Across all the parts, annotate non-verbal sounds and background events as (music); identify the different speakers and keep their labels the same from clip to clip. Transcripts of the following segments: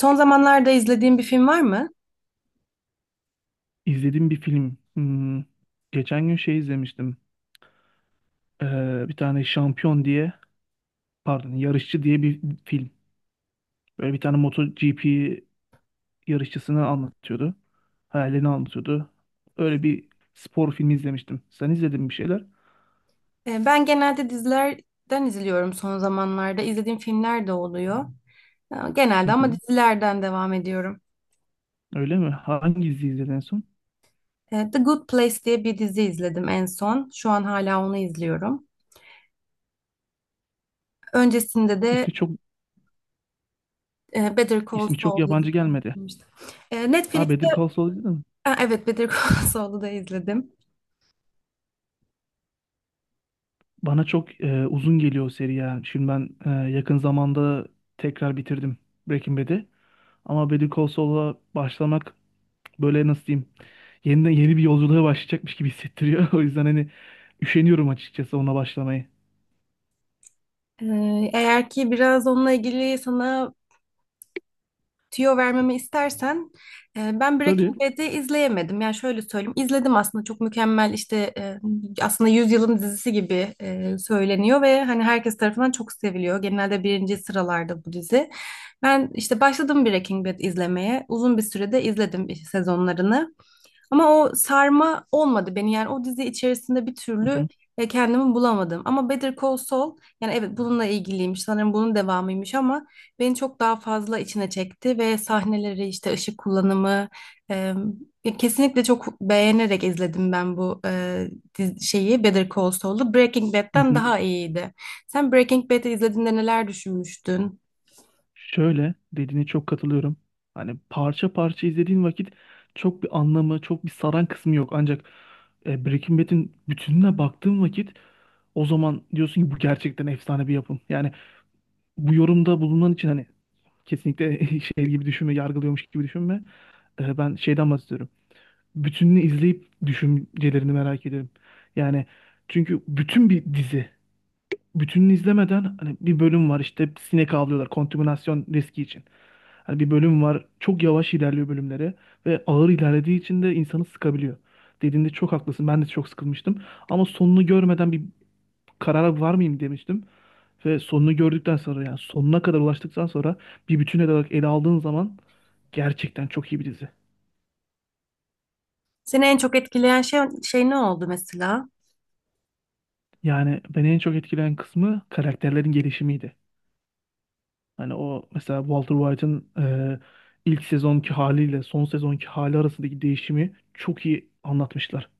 Speaker 1: Son zamanlarda izlediğin bir film var mı?
Speaker 2: İzlediğim bir film. Geçen gün şey izlemiştim. Bir tane şampiyon diye, pardon, yarışçı diye bir film. Böyle bir tane MotoGP yarışçısını anlatıyordu. Hayalini anlatıyordu. Öyle bir spor filmi izlemiştim. Sen izledin mi bir şeyler?
Speaker 1: Ben genelde dizilerden izliyorum son zamanlarda. İzlediğim filmler de oluyor.
Speaker 2: Hı
Speaker 1: Genelde ama
Speaker 2: hı.
Speaker 1: dizilerden devam ediyorum.
Speaker 2: Öyle mi? Hangi dizi izledin en son?
Speaker 1: The Good Place diye bir dizi izledim en son. Şu an hala onu izliyorum. Öncesinde de
Speaker 2: İsmi çok
Speaker 1: Better Call
Speaker 2: ismi çok
Speaker 1: Saul
Speaker 2: yabancı
Speaker 1: dizisini
Speaker 2: gelmedi.
Speaker 1: izlemiştim.
Speaker 2: Ha
Speaker 1: Netflix'te.
Speaker 2: Better Call Saul izledin mi?
Speaker 1: Ha, evet Better Call (laughs) Saul'u da izledim.
Speaker 2: Bana çok uzun geliyor o seri ya. Şimdi ben yakın zamanda tekrar bitirdim Breaking Bad'i. Ama Better Call Saul'a başlamak böyle nasıl diyeyim yeniden yeni bir yolculuğa başlayacakmış gibi hissettiriyor. (laughs) O yüzden hani üşeniyorum açıkçası ona başlamayı.
Speaker 1: Eğer ki biraz onunla ilgili sana tüyo vermemi istersen ben
Speaker 2: Tabii.
Speaker 1: Breaking Bad'i izleyemedim. Yani şöyle söyleyeyim. İzledim aslında, çok mükemmel işte, aslında yüzyılın dizisi gibi söyleniyor ve hani herkes tarafından çok seviliyor. Genelde birinci sıralarda bu dizi. Ben işte başladım Breaking Bad izlemeye. Uzun bir sürede izledim işte sezonlarını. Ama o sarma olmadı beni, yani o dizi içerisinde bir
Speaker 2: Hı
Speaker 1: türlü
Speaker 2: hı.
Speaker 1: kendimi bulamadım. Ama Better Call Saul, yani evet bununla ilgiliymiş sanırım, bunun devamıymış, ama beni çok daha fazla içine çekti ve sahneleri, işte ışık kullanımı, e, ya kesinlikle çok beğenerek izledim ben bu şeyi, Better Call Saul'u. Breaking
Speaker 2: Hı
Speaker 1: Bad'den
Speaker 2: hı.
Speaker 1: daha iyiydi. Sen Breaking Bad'i izlediğinde neler düşünmüştün?
Speaker 2: Şöyle dediğine çok katılıyorum. Hani parça parça izlediğin vakit çok bir anlamı, çok bir saran kısmı yok. Ancak Breaking Bad'in bütününe baktığın vakit o zaman diyorsun ki bu gerçekten efsane bir yapım. Yani bu yorumda bulunan için hani kesinlikle (laughs) şey gibi düşünme, yargılıyormuş gibi düşünme. Ben şeyden bahsediyorum. Bütününü izleyip düşüncelerini merak ederim. Yani çünkü bütün bir dizi bütününü izlemeden hani bir bölüm var işte sinek avlıyorlar kontaminasyon riski için. Hani bir bölüm var çok yavaş ilerliyor bölümleri ve ağır ilerlediği için de insanı sıkabiliyor. Dediğinde çok haklısın. Ben de çok sıkılmıştım. Ama sonunu görmeden bir karara var mıyım demiştim. Ve sonunu gördükten sonra yani sonuna kadar ulaştıktan sonra bir bütün olarak ele aldığın zaman gerçekten çok iyi bir dizi.
Speaker 1: Seni en çok etkileyen şey, şey ne oldu mesela?
Speaker 2: Yani beni en çok etkileyen kısmı karakterlerin gelişimiydi. Hani o mesela Walter White'ın e, ilk sezonki haliyle son sezonki hali arasındaki değişimi çok iyi anlatmışlar.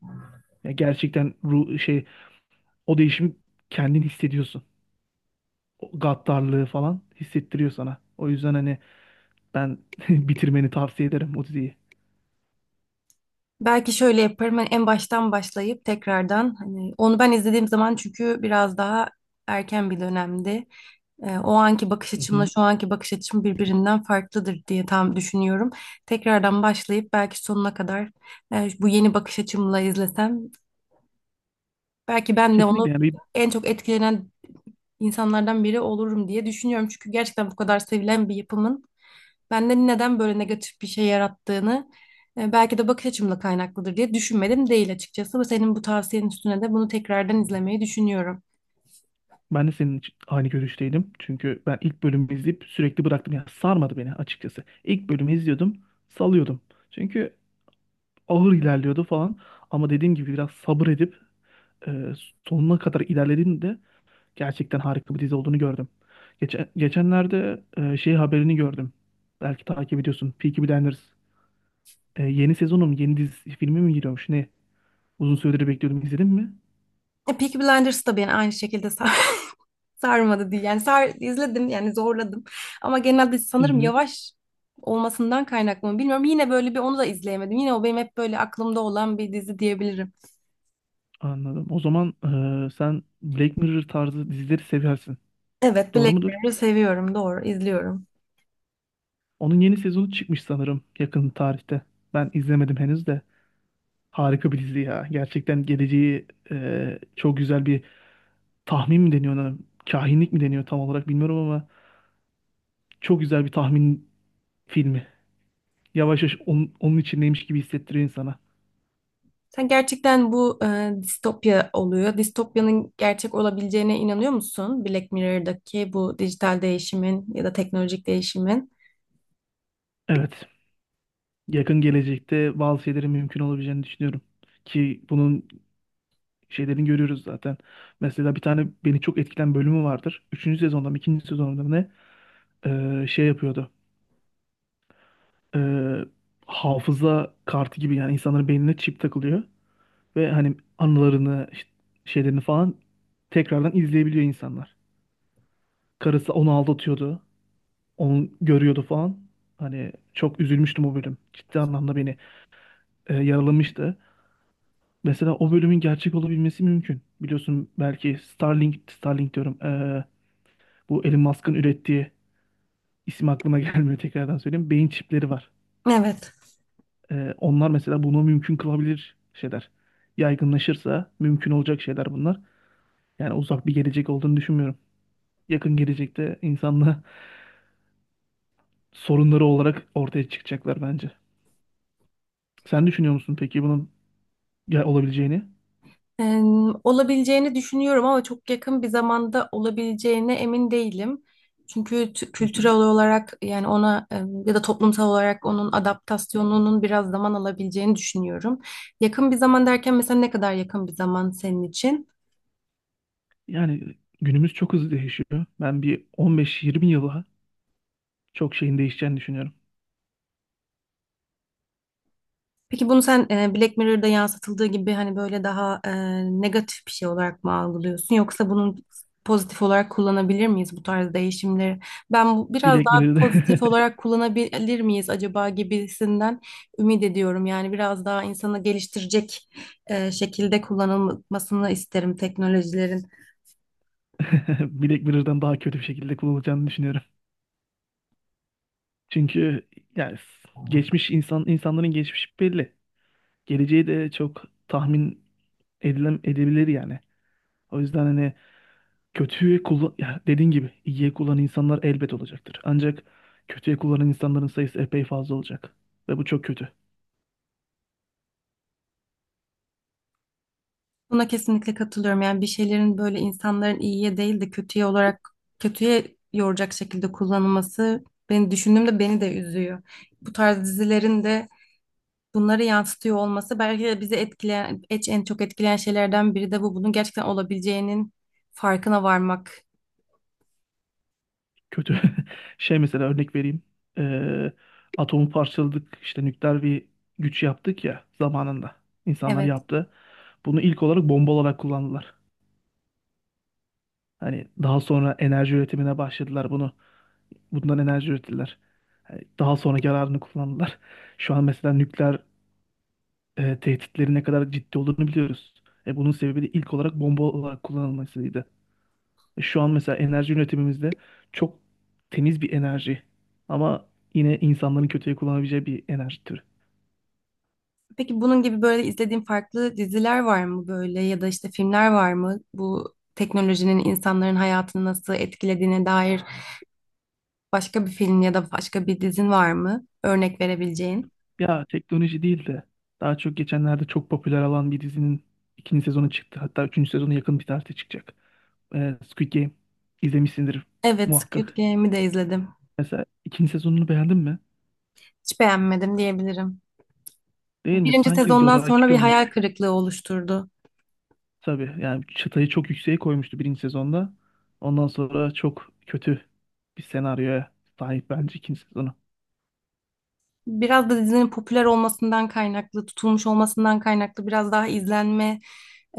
Speaker 2: Ya gerçekten şey o değişimi kendin hissediyorsun. O gaddarlığı falan hissettiriyor sana. O yüzden hani ben (laughs) bitirmeni tavsiye ederim o diziyi.
Speaker 1: Belki şöyle yaparım. Hani en baştan başlayıp tekrardan, hani onu ben izlediğim zaman, çünkü biraz daha erken bir dönemdi. O anki bakış
Speaker 2: Hı
Speaker 1: açımla
Speaker 2: hı.
Speaker 1: şu anki bakış açım birbirinden farklıdır diye tam düşünüyorum. Tekrardan başlayıp belki sonuna kadar bu yeni bakış açımla izlesem, belki ben de onu
Speaker 2: Kesinlikle yani.
Speaker 1: en çok etkilenen insanlardan biri olurum diye düşünüyorum. Çünkü gerçekten bu kadar sevilen bir yapımın bende neden böyle negatif bir şey yarattığını, belki de bakış açımla kaynaklıdır diye düşünmedim değil açıkçası. Ve senin bu tavsiyenin üstüne de bunu tekrardan izlemeyi düşünüyorum.
Speaker 2: Ben de senin için aynı görüşteydim. Çünkü ben ilk bölümü izleyip sürekli bıraktım. Yani sarmadı beni açıkçası. İlk bölümü izliyordum, salıyordum. Çünkü ağır ilerliyordu falan. Ama dediğim gibi biraz sabır edip e, sonuna kadar ilerlediğinde gerçekten harika bir dizi olduğunu gördüm. Geçenlerde şey haberini gördüm. Belki takip ediyorsun. Peaky Blinders. Yeni sezonu mu, yeni dizi filmi mi giriyormuş? Ne? Uzun süredir bekliyordum. İzledin mi?
Speaker 1: Peaky Blinders da beni aynı şekilde (laughs) sarmadı diye. Yani sar izledim, yani zorladım. Ama genelde
Speaker 2: Hı
Speaker 1: sanırım
Speaker 2: hı,
Speaker 1: yavaş olmasından kaynaklı mı bilmiyorum. Yine böyle, bir onu da izleyemedim. Yine o benim hep böyle aklımda olan bir dizi diyebilirim.
Speaker 2: anladım. O zaman sen Black Mirror tarzı dizileri seversin.
Speaker 1: Evet,
Speaker 2: Doğru
Speaker 1: Black
Speaker 2: mudur?
Speaker 1: Mirror'ı seviyorum, doğru izliyorum.
Speaker 2: Onun yeni sezonu çıkmış sanırım yakın tarihte. Ben izlemedim henüz de. Harika bir dizi ya. Gerçekten geleceği çok güzel bir tahmin mi deniyor ona? Kahinlik mi deniyor tam olarak bilmiyorum ama çok güzel bir tahmin filmi. Yavaş yavaş onun, onun içindeymiş gibi hissettiriyor insana.
Speaker 1: Sen gerçekten bu distopya oluyor. Distopyanın gerçek olabileceğine inanıyor musun? Black Mirror'daki bu dijital değişimin ya da teknolojik değişimin.
Speaker 2: Evet. Yakın gelecekte bazı şeylerin mümkün olabileceğini düşünüyorum. Ki bunun şeylerini görüyoruz zaten. Mesela bir tane beni çok etkilen bölümü vardır. Üçüncü sezonda mı ikinci sezonda mı ne. Şey yapıyordu. Ee, hafıza kartı gibi yani insanların beynine çip takılıyor. Ve hani anılarını işte şeylerini falan tekrardan izleyebiliyor insanlar. Karısı onu aldatıyordu. Onu görüyordu falan. Hani çok üzülmüştüm o bölüm. Ciddi anlamda beni yaralamıştı. Mesela o bölümün gerçek olabilmesi mümkün. Biliyorsun belki Starlink, Starlink diyorum. Bu Elon Musk'ın ürettiği isim aklıma (laughs) gelmiyor tekrardan söyleyeyim. Beyin çipleri var.
Speaker 1: Evet.
Speaker 2: Onlar mesela bunu mümkün kılabilir şeyler. Yaygınlaşırsa mümkün olacak şeyler bunlar. Yani uzak bir gelecek olduğunu düşünmüyorum. Yakın gelecekte insanla (laughs) sorunları olarak ortaya çıkacaklar bence. Sen düşünüyor musun peki bunun olabileceğini?
Speaker 1: Eee, Olabileceğini düşünüyorum ama çok yakın bir zamanda olabileceğine emin değilim. Çünkü
Speaker 2: Hı hı.
Speaker 1: kültürel olarak, yani ona ya da toplumsal olarak onun adaptasyonunun biraz zaman alabileceğini düşünüyorum. Yakın bir zaman derken mesela ne kadar yakın bir zaman senin için?
Speaker 2: Yani günümüz çok hızlı değişiyor. Ben bir 15-20 yıla çok şeyin değişeceğini düşünüyorum.
Speaker 1: Peki bunu sen Black Mirror'da yansıtıldığı gibi, hani böyle daha negatif bir şey olarak mı algılıyorsun, yoksa bunun pozitif olarak kullanabilir miyiz bu tarz değişimleri? Ben bu, biraz
Speaker 2: Black
Speaker 1: daha pozitif
Speaker 2: Mirror'da (laughs)
Speaker 1: olarak kullanabilir miyiz acaba gibisinden ümit ediyorum. Yani biraz daha insanı geliştirecek şekilde kullanılmasını isterim teknolojilerin.
Speaker 2: Black Mirror'dan daha kötü bir şekilde kullanılacağını düşünüyorum. Çünkü yani s- geçmiş insan insanların geçmişi belli. Geleceği de çok tahmin edebilir yani. O yüzden hani kötüye kullan ya dediğin gibi iyiye kullanan insanlar elbet olacaktır. Ancak kötüye kullanan insanların sayısı epey fazla olacak ve bu çok kötü.
Speaker 1: Buna kesinlikle katılıyorum. Yani bir şeylerin böyle insanların iyiye değil de kötüye olarak, kötüye yoracak şekilde kullanılması, beni düşündüğümde beni de üzüyor. Bu tarz dizilerin de bunları yansıtıyor olması belki de bizi etkileyen, en çok etkileyen şeylerden biri de bu. Bunun gerçekten olabileceğinin farkına varmak.
Speaker 2: Kötü. (laughs) Şey mesela örnek vereyim. Ee, atomu parçaladık işte nükleer bir güç yaptık ya zamanında. İnsanlar
Speaker 1: Evet.
Speaker 2: yaptı. Bunu ilk olarak bomba olarak kullandılar. Hani daha sonra enerji üretimine başladılar bunu. Bundan enerji ürettiler. Hani daha sonra yararını kullandılar. Şu an mesela nükleer tehditlerin ne kadar ciddi olduğunu biliyoruz. Bunun sebebi de ilk olarak bomba olarak kullanılmasıydı. Şu an mesela enerji üretimimizde çok temiz bir enerji ama yine insanların kötüye kullanabileceği bir enerji türü.
Speaker 1: Peki bunun gibi böyle izlediğin farklı diziler var mı böyle, ya da işte filmler var mı? Bu teknolojinin insanların hayatını nasıl etkilediğine dair başka bir film ya da başka bir dizin var mı? Örnek verebileceğin.
Speaker 2: Ya teknoloji değil de daha çok geçenlerde çok popüler olan bir dizinin ikinci sezonu çıktı. Hatta üçüncü sezonu yakın bir tarihte çıkacak. Squid Game izlemişsindir
Speaker 1: Evet, Squid
Speaker 2: muhakkak.
Speaker 1: Game'i de izledim.
Speaker 2: Mesela ikinci sezonunu beğendin mi?
Speaker 1: Hiç beğenmedim diyebilirim.
Speaker 2: Değil mi?
Speaker 1: Birinci
Speaker 2: Sanki
Speaker 1: sezondan sonra
Speaker 2: zoraki
Speaker 1: bir hayal
Speaker 2: olmuş.
Speaker 1: kırıklığı oluşturdu.
Speaker 2: Tabii yani çıtayı çok yükseğe koymuştu birinci sezonda. Ondan sonra çok kötü bir senaryoya sahip bence ikinci sezonu.
Speaker 1: Biraz da dizinin popüler olmasından kaynaklı, tutulmuş olmasından kaynaklı, biraz daha izlenme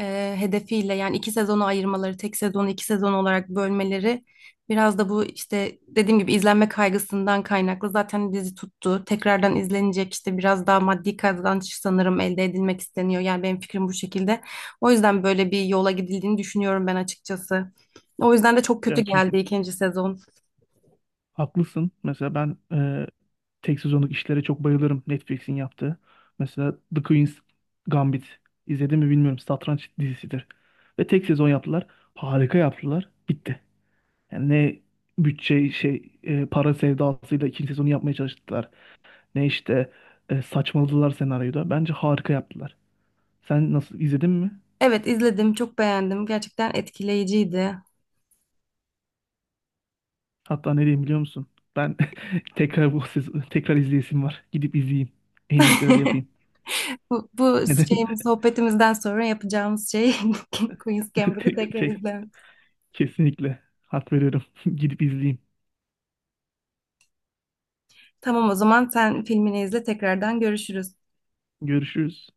Speaker 1: hedefiyle, yani iki sezonu ayırmaları, tek sezonu iki sezon olarak bölmeleri biraz da bu, işte dediğim gibi izlenme kaygısından kaynaklı. Zaten dizi tuttu. Tekrardan izlenecek, işte biraz daha maddi kazanç sanırım elde edilmek isteniyor. Yani benim fikrim bu şekilde. O yüzden böyle bir yola gidildiğini düşünüyorum ben açıkçası. O yüzden de çok kötü
Speaker 2: Ya
Speaker 1: geldi
Speaker 2: kesin
Speaker 1: ikinci sezon.
Speaker 2: haklısın. Mesela ben tek sezonluk işlere çok bayılırım Netflix'in yaptığı. Mesela The Queen's Gambit izledim mi bilmiyorum. Satranç dizisidir. Ve tek sezon yaptılar. Harika yaptılar. Bitti. Yani ne bütçe şey para sevdasıyla ikinci sezonu yapmaya çalıştılar. Ne işte saçmaladılar senaryoda. Bence harika yaptılar. Sen nasıl izledin mi?
Speaker 1: Evet, izledim, çok beğendim. Gerçekten etkileyiciydi.
Speaker 2: Hatta ne diyeyim biliyor musun? Ben (laughs) tekrar bu sezon, tekrar izleyesim var. Gidip izleyeyim. En iyisi öyle
Speaker 1: (laughs)
Speaker 2: yapayım.
Speaker 1: Bu
Speaker 2: Neden?
Speaker 1: şeyimiz, sohbetimizden sonra yapacağımız şey (laughs) Queen's
Speaker 2: (laughs)
Speaker 1: Gambit'i
Speaker 2: Tek,
Speaker 1: tekrar
Speaker 2: tek.
Speaker 1: izlemek.
Speaker 2: Kesinlikle. Hak veriyorum. (laughs) Gidip izleyeyim.
Speaker 1: Tamam, o zaman sen filmini izle, tekrardan görüşürüz.
Speaker 2: Görüşürüz.